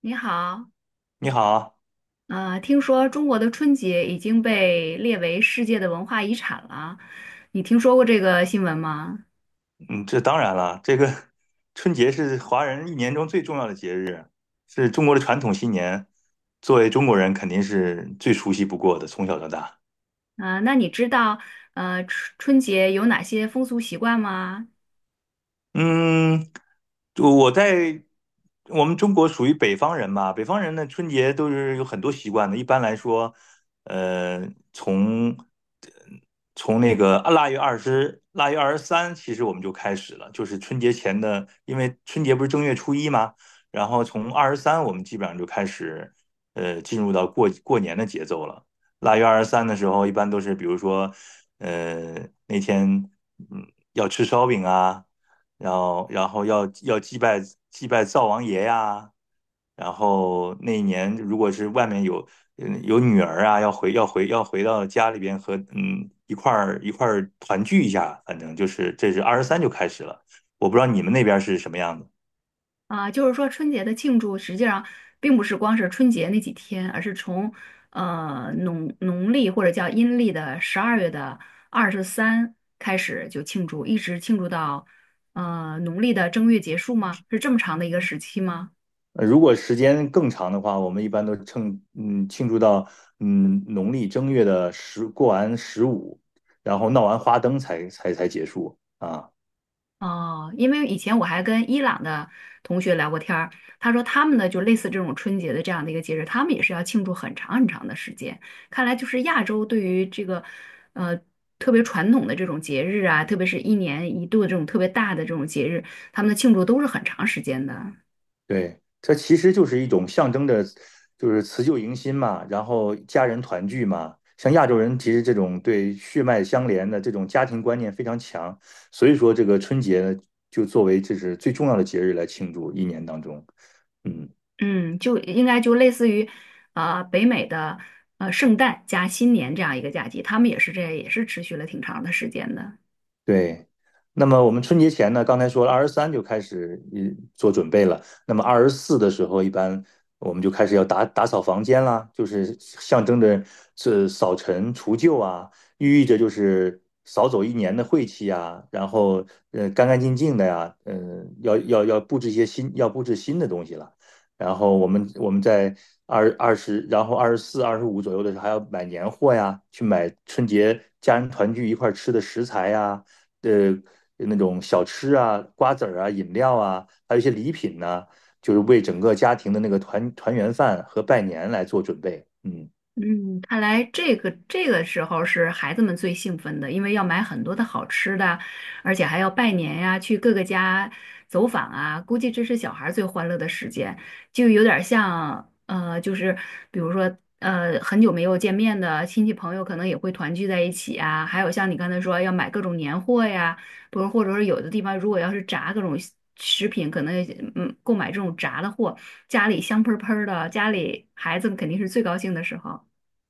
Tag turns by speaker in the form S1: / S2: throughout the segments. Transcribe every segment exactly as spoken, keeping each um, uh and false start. S1: 你好，
S2: 你好，
S1: 呃，听说中国的春节已经被列为世界的文化遗产了，你听说过这个新闻吗？
S2: 嗯，这当然了，这个春节是华人一年中最重要的节日，是中国的传统新年，作为中国人肯定是最熟悉不过的，从小到大。
S1: 呃，那你知道，呃，春春节有哪些风俗习惯吗？
S2: 嗯，就我在我们中国属于北方人嘛，北方人的春节都是有很多习惯的。一般来说，呃，从从那个腊月二十、腊月二十三，其实我们就开始了，就是春节前的，因为春节不是正月初一嘛，然后从二十三我们基本上就开始，呃，进入到过过年的节奏了。腊月二十三的时候，一般都是比如说，呃，那天嗯要吃烧饼啊。然后然后要要祭拜祭拜灶王爷呀，然后那一年如果是外面有嗯有女儿啊，要回要回要回到家里边和嗯一块儿一块儿团聚一下，反正就是这是二十三就开始了，我不知道你们那边是什么样子。
S1: 啊、就是说春节的庆祝实际上并不是光是春节那几天，而是从呃农农历或者叫阴历的十二月的二十三开始就庆祝，一直庆祝到呃农历的正月结束吗？是这么长的一个时期吗？
S2: 呃如果时间更长的话，我们一般都趁嗯庆祝到嗯农历正月的十过完十五，然后闹完花灯才才才结束啊。
S1: 哦，因为以前我还跟伊朗的同学聊过天儿，他说他们呢就类似这种春节的这样的一个节日，他们也是要庆祝很长很长的时间。看来就是亚洲对于这个，呃，特别传统的这种节日啊，特别是一年一度的这种特别大的这种节日，他们的庆祝都是很长时间的。
S2: 对，这其实就是一种象征着，就是辞旧迎新嘛，然后家人团聚嘛。像亚洲人，其实这种对血脉相连的这种家庭观念非常强，所以说这个春节呢，就作为这是最重要的节日来庆祝一年当中。嗯。
S1: 嗯，就应该就类似于，呃，北美的呃圣诞加新年这样一个假期，他们也是这也是持续了挺长的时间的。
S2: 对，那么我们春节前呢，刚才说了二十三就开始嗯做准备了。那么二十四的时候，一般我们就开始要打打扫房间啦，就是象征着是扫尘除旧啊，寓意着就是扫走一年的晦气啊，然后呃干干净净的呀，嗯、要要要布置一些新，要布置新的东西了。然后我们我们在二二十，然后二十四、二十五左右的时候，还要买年货呀，去买春节家人团聚一块儿吃的食材呀。呃那种小吃啊、瓜子儿啊、饮料啊，还有一些礼品呢、就是为整个家庭的那个团团圆饭和拜年来做准备。嗯。
S1: 嗯，看来这个这个时候是孩子们最兴奋的，因为要买很多的好吃的，而且还要拜年呀，去各个家走访啊，估计这是小孩儿最欢乐的时间，就有点儿像呃，就是比如说呃，很久没有见面的亲戚朋友，可能也会团聚在一起啊，还有像你刚才说要买各种年货呀，不是，或者说有的地方如果要是炸各种食品，可能嗯购买这种炸的货，家里香喷喷儿的，家里孩子们肯定是最高兴的时候。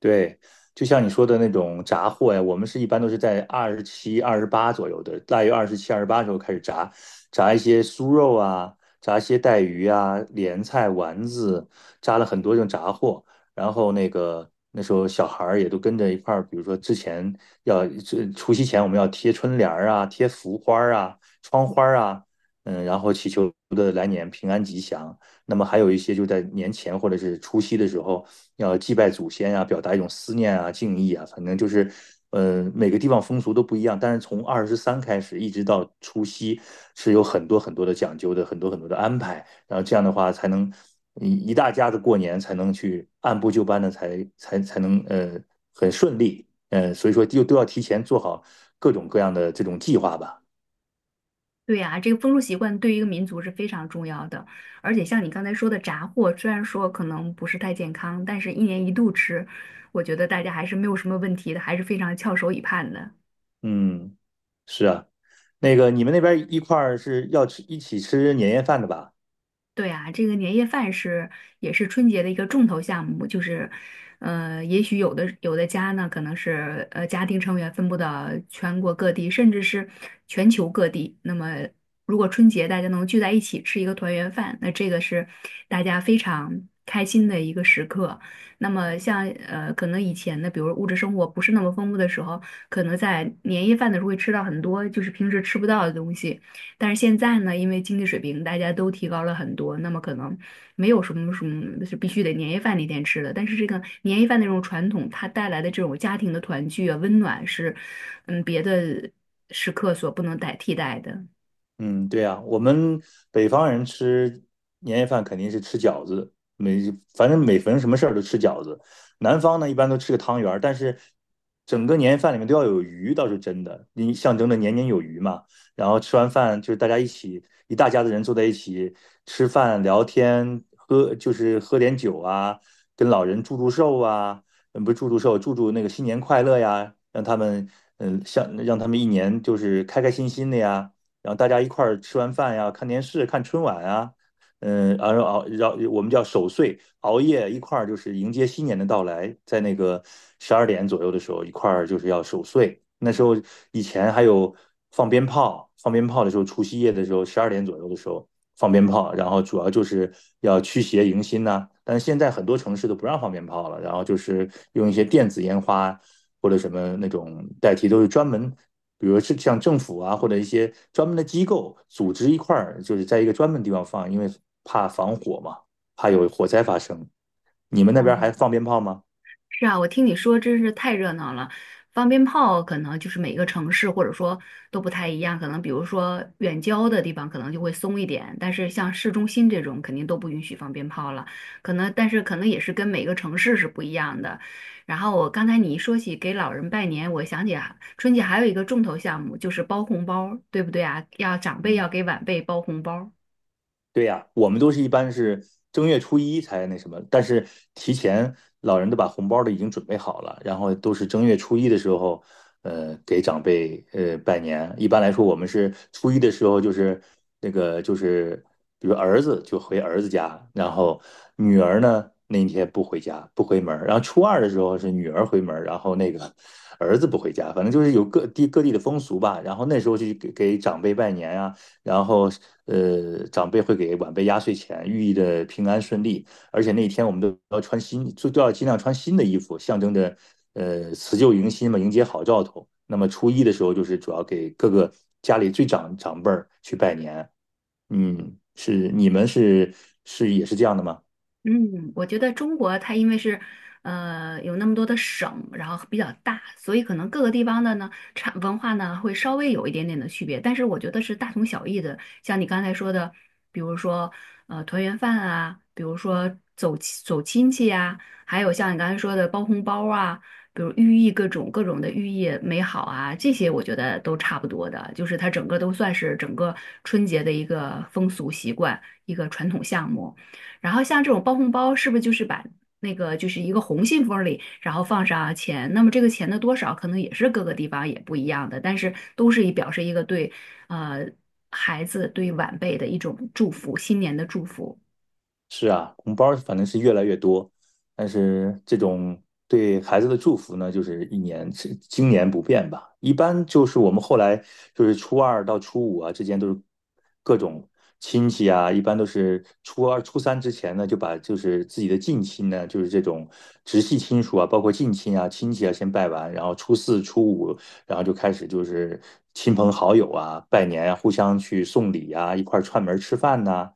S2: 对，就像你说的那种炸货呀，我们是一般都是在二十七、二十八左右的，腊月二十七、二十八时候开始炸，炸一些酥肉啊，炸一些带鱼啊、莲菜、丸子，炸了很多这种炸货。然后那个那时候小孩儿也都跟着一块儿，比如说之前要这除夕前我们要贴春联儿啊、贴福花儿啊、窗花儿啊，嗯，然后祈求的来年平安吉祥。那么还有一些就在年前或者是除夕的时候。要祭拜祖先啊，表达一种思念啊、敬意啊，反正就是嗯，呃，每个地方风俗都不一样。但是从二十三开始一直到除夕，是有很多很多的讲究的，很多很多的安排。然后这样的话，才能一一大家子过年才能去按部就班的才才才能呃很顺利。呃，所以说就都要提前做好各种各样的这种计划吧。
S1: 对呀，这个风俗习惯对于一个民族是非常重要的，而且像你刚才说的炸货，虽然说可能不是太健康，但是一年一度吃，我觉得大家还是没有什么问题的，还是非常翘首以盼的。
S2: 嗯，是啊，那个你们那边一块儿是要吃一起吃年夜饭的吧？
S1: 对啊，这个年夜饭是也是春节的一个重头项目，就是，呃，也许有的有的家呢，可能是呃家庭成员分布到全国各地，甚至是全球各地。那么，如果春节大家能聚在一起吃一个团圆饭，那这个是大家非常开心的一个时刻。那么像，呃，可能以前的，比如物质生活不是那么丰富的时候，可能在年夜饭的时候会吃到很多就是平时吃不到的东西。但是现在呢，因为经济水平大家都提高了很多，那么可能没有什么什么是必须得年夜饭那天吃的。但是这个年夜饭那种传统，它带来的这种家庭的团聚啊、温暖是，嗯，别的时刻所不能代替代的。
S2: 嗯，对呀，我们北方人吃年夜饭肯定是吃饺子，每反正每逢什么事儿都吃饺子。南方呢，一般都吃个汤圆儿，但是整个年夜饭里面都要有鱼，倒是真的，你象征着年年有余嘛。然后吃完饭就是大家一起一大家子人坐在一起吃饭聊天，喝就是喝点酒啊，跟老人祝祝寿啊，嗯，不是祝祝寿，祝祝那个新年快乐呀，让他们嗯像让他们一年就是开开心心的呀。然后大家一块儿吃完饭呀，看电视、看春晚啊，嗯，然后熬，然后我们叫守岁，熬夜一块儿就是迎接新年的到来，在那个十二点左右的时候，一块儿就是要守岁。那时候以前还有放鞭炮，放鞭炮的时候，除夕夜的时候，十二点左右的时候放鞭炮，然后主要就是要驱邪迎新呐、但是现在很多城市都不让放鞭炮了，然后就是用一些电子烟花或者什么那种代替，都是专门比如是像政府啊，或者一些专门的机构组织一块儿，就是在一个专门地方放，因为怕防火嘛，怕有火灾发生。你们那边还
S1: 嗯，
S2: 放鞭炮吗？
S1: 是啊，我听你说真是太热闹了。放鞭炮可能就是每个城市或者说都不太一样，可能比如说远郊的地方可能就会松一点，但是像市中心这种肯定都不允许放鞭炮了。可能但是可能也是跟每个城市是不一样的。然后我刚才你一说起给老人拜年，我想起啊春节还有一个重头项目就是包红包，对不对啊？要长辈要给晚辈包红包。
S2: 对呀，我们都是一般是正月初一才那什么，但是提前老人都把红包都已经准备好了，然后都是正月初一的时候，呃，给长辈呃拜年。一般来说，我们是初一的时候就是那个就是，比如儿子就回儿子家，然后女儿呢那一天不回家不回门儿，然后初二的时候是女儿回门儿，然后那个儿子不回家，反正就是有各地各地的风俗吧。然后那时候去给给长辈拜年啊。然后呃，长辈会给晚辈压岁钱，寓意着平安顺利。而且那一天我们都要穿新，就都要尽量穿新的衣服，象征着呃辞旧迎新嘛，迎接好兆头。那么初一的时候，就是主要给各个家里最长长辈儿去拜年。嗯，是你们是是也是这样的吗？
S1: 嗯，我觉得中国它因为是，呃，有那么多的省，然后比较大，所以可能各个地方的呢，产文化呢会稍微有一点点的区别，但是我觉得是大同小异的。像你刚才说的，比如说呃团圆饭啊，比如说走亲走亲戚啊，还有像你刚才说的包红包啊，比如寓意各种各种的寓意美好啊，这些我觉得都差不多的，就是它整个都算是整个春节的一个风俗习惯，一个传统项目。然后像这种包红包，是不是就是把那个就是一个红信封里，然后放上啊钱？那么这个钱的多少，可能也是各个地方也不一样的，但是都是以表示一个对呃孩子、对晚辈的一种祝福，新年的祝福。
S2: 是啊，红包儿反正是越来越多，但是这种对孩子的祝福呢，就是一年是经年不变吧。一般就是我们后来就是初二到初五啊之间都是各种亲戚啊，一般都是初二、初三之前呢，就把就是自己的近亲呢，就是这种直系亲属啊，包括近亲啊、亲戚啊先拜完，然后初四、初五，然后就开始就是亲朋好友啊拜年啊，互相去送礼啊，一块儿串门儿吃饭呐、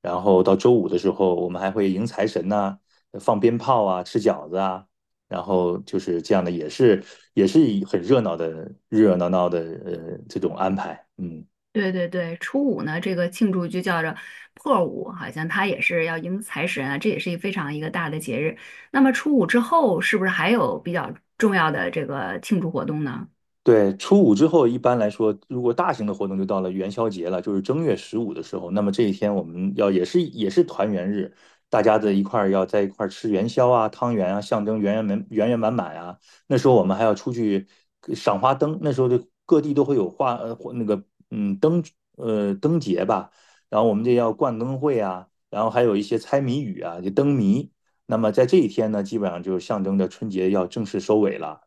S2: 然后到周五的时候，我们还会迎财神呐、啊放鞭炮啊、吃饺子啊，然后就是这样的，也是也是很热闹的、热热闹闹的呃这种安排，嗯。
S1: 对对对，初五呢，这个庆祝就叫着破五，好像它也是要迎财神啊，这也是一非常一个大的节日。那么初五之后，是不是还有比较重要的这个庆祝活动呢？
S2: 对，初五之后，一般来说，如果大型的活动就到了元宵节了，就是正月十五的时候。那么这一天，我们要也是也是团圆日，大家的一块儿要在一块儿吃元宵啊、汤圆啊，象征圆圆满圆圆满满啊。那时候我们还要出去呃赏花灯，那时候就各地都会有花呃或那个嗯灯呃灯节吧，然后我们这要逛灯会啊，然后还有一些猜谜语啊，就灯谜。那么在这一天呢，基本上就象征着春节要正式收尾了。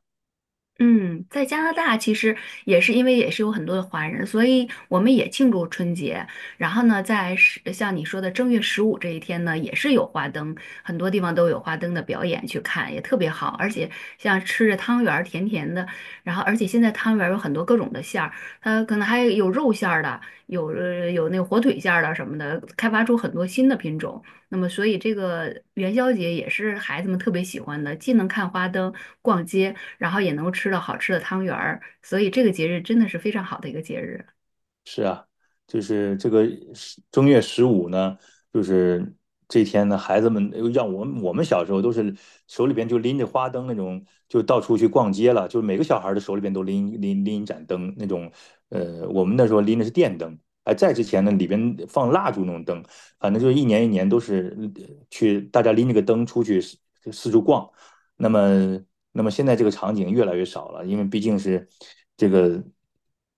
S1: 嗯，在加拿大其实也是因为也是有很多的华人，所以我们也庆祝春节。然后呢，在十像你说的正月十五这一天呢，也是有花灯，很多地方都有花灯的表演去看，也特别好。而且像吃着汤圆儿，甜甜的。然后，而且现在汤圆儿有很多各种的馅儿，它可能还有肉馅儿的，有呃有那个火腿馅儿的什么的，开发出很多新的品种。那么，所以这个元宵节也是孩子们特别喜欢的，既能看花灯、逛街。然后也能够吃到好吃的汤圆儿，所以这个节日真的是非常好的一个节日。
S2: 是啊，就是这个十正月十五呢，就是这天呢，孩子们呃让我们我们小时候都是手里边就拎着花灯那种，就到处去逛街了，就是每个小孩的手里边都拎拎拎一盏灯那种，呃，我们那时候拎的是电灯，哎，在之前呢里边放蜡烛那种灯，反正就是一年一年都是呃去大家拎着个灯出去四四处逛，那么，那么现在这个场景越来越少了，因为毕竟是这个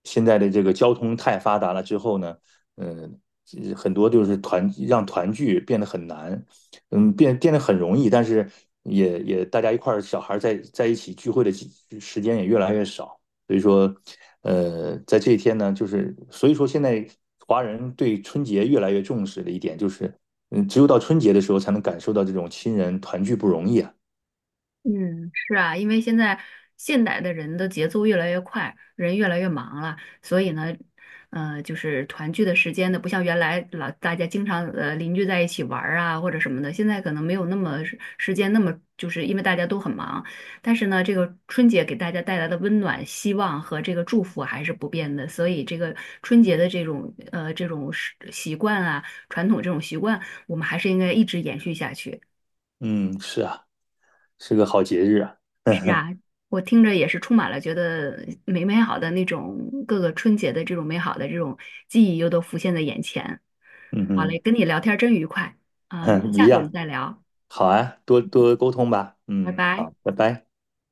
S2: 现在的这个交通太发达了之后呢，嗯、呃很多就是团让团聚变得很难，嗯，变变得很容易，但是也也大家一块儿小孩在在一起聚会的时间也越来越少，所以说，呃，在这一天呢，就是所以说现在华人对春节越来越重视的一点就是，嗯，只有到春节的时候才能感受到这种亲人团聚不容易啊。
S1: 嗯，是啊，因为现在现代的人的节奏越来越快，人越来越忙了，所以呢，呃，就是团聚的时间呢，不像原来老大家经常呃邻居在一起玩儿啊或者什么的，现在可能没有那么时时间那么，就是因为大家都很忙。但是呢，这个春节给大家带来的温暖、希望和这个祝福还是不变的，所以这个春节的这种呃这种习习惯啊，传统这种习惯，我们还是应该一直延续下去。
S2: 嗯，是啊，是个好节日啊。嗯
S1: 是
S2: 哼，
S1: 啊，我听着也是充满了觉得美美好的那种各个春节的这种美好的这种记忆又都浮现在眼前。好嘞，
S2: 嗯
S1: 跟你聊天真愉快啊，那
S2: 哼，嗯一
S1: 下次我们
S2: 样，
S1: 再聊，
S2: 好啊，多多沟通吧。
S1: 拜
S2: 嗯，
S1: 拜。
S2: 好，拜拜。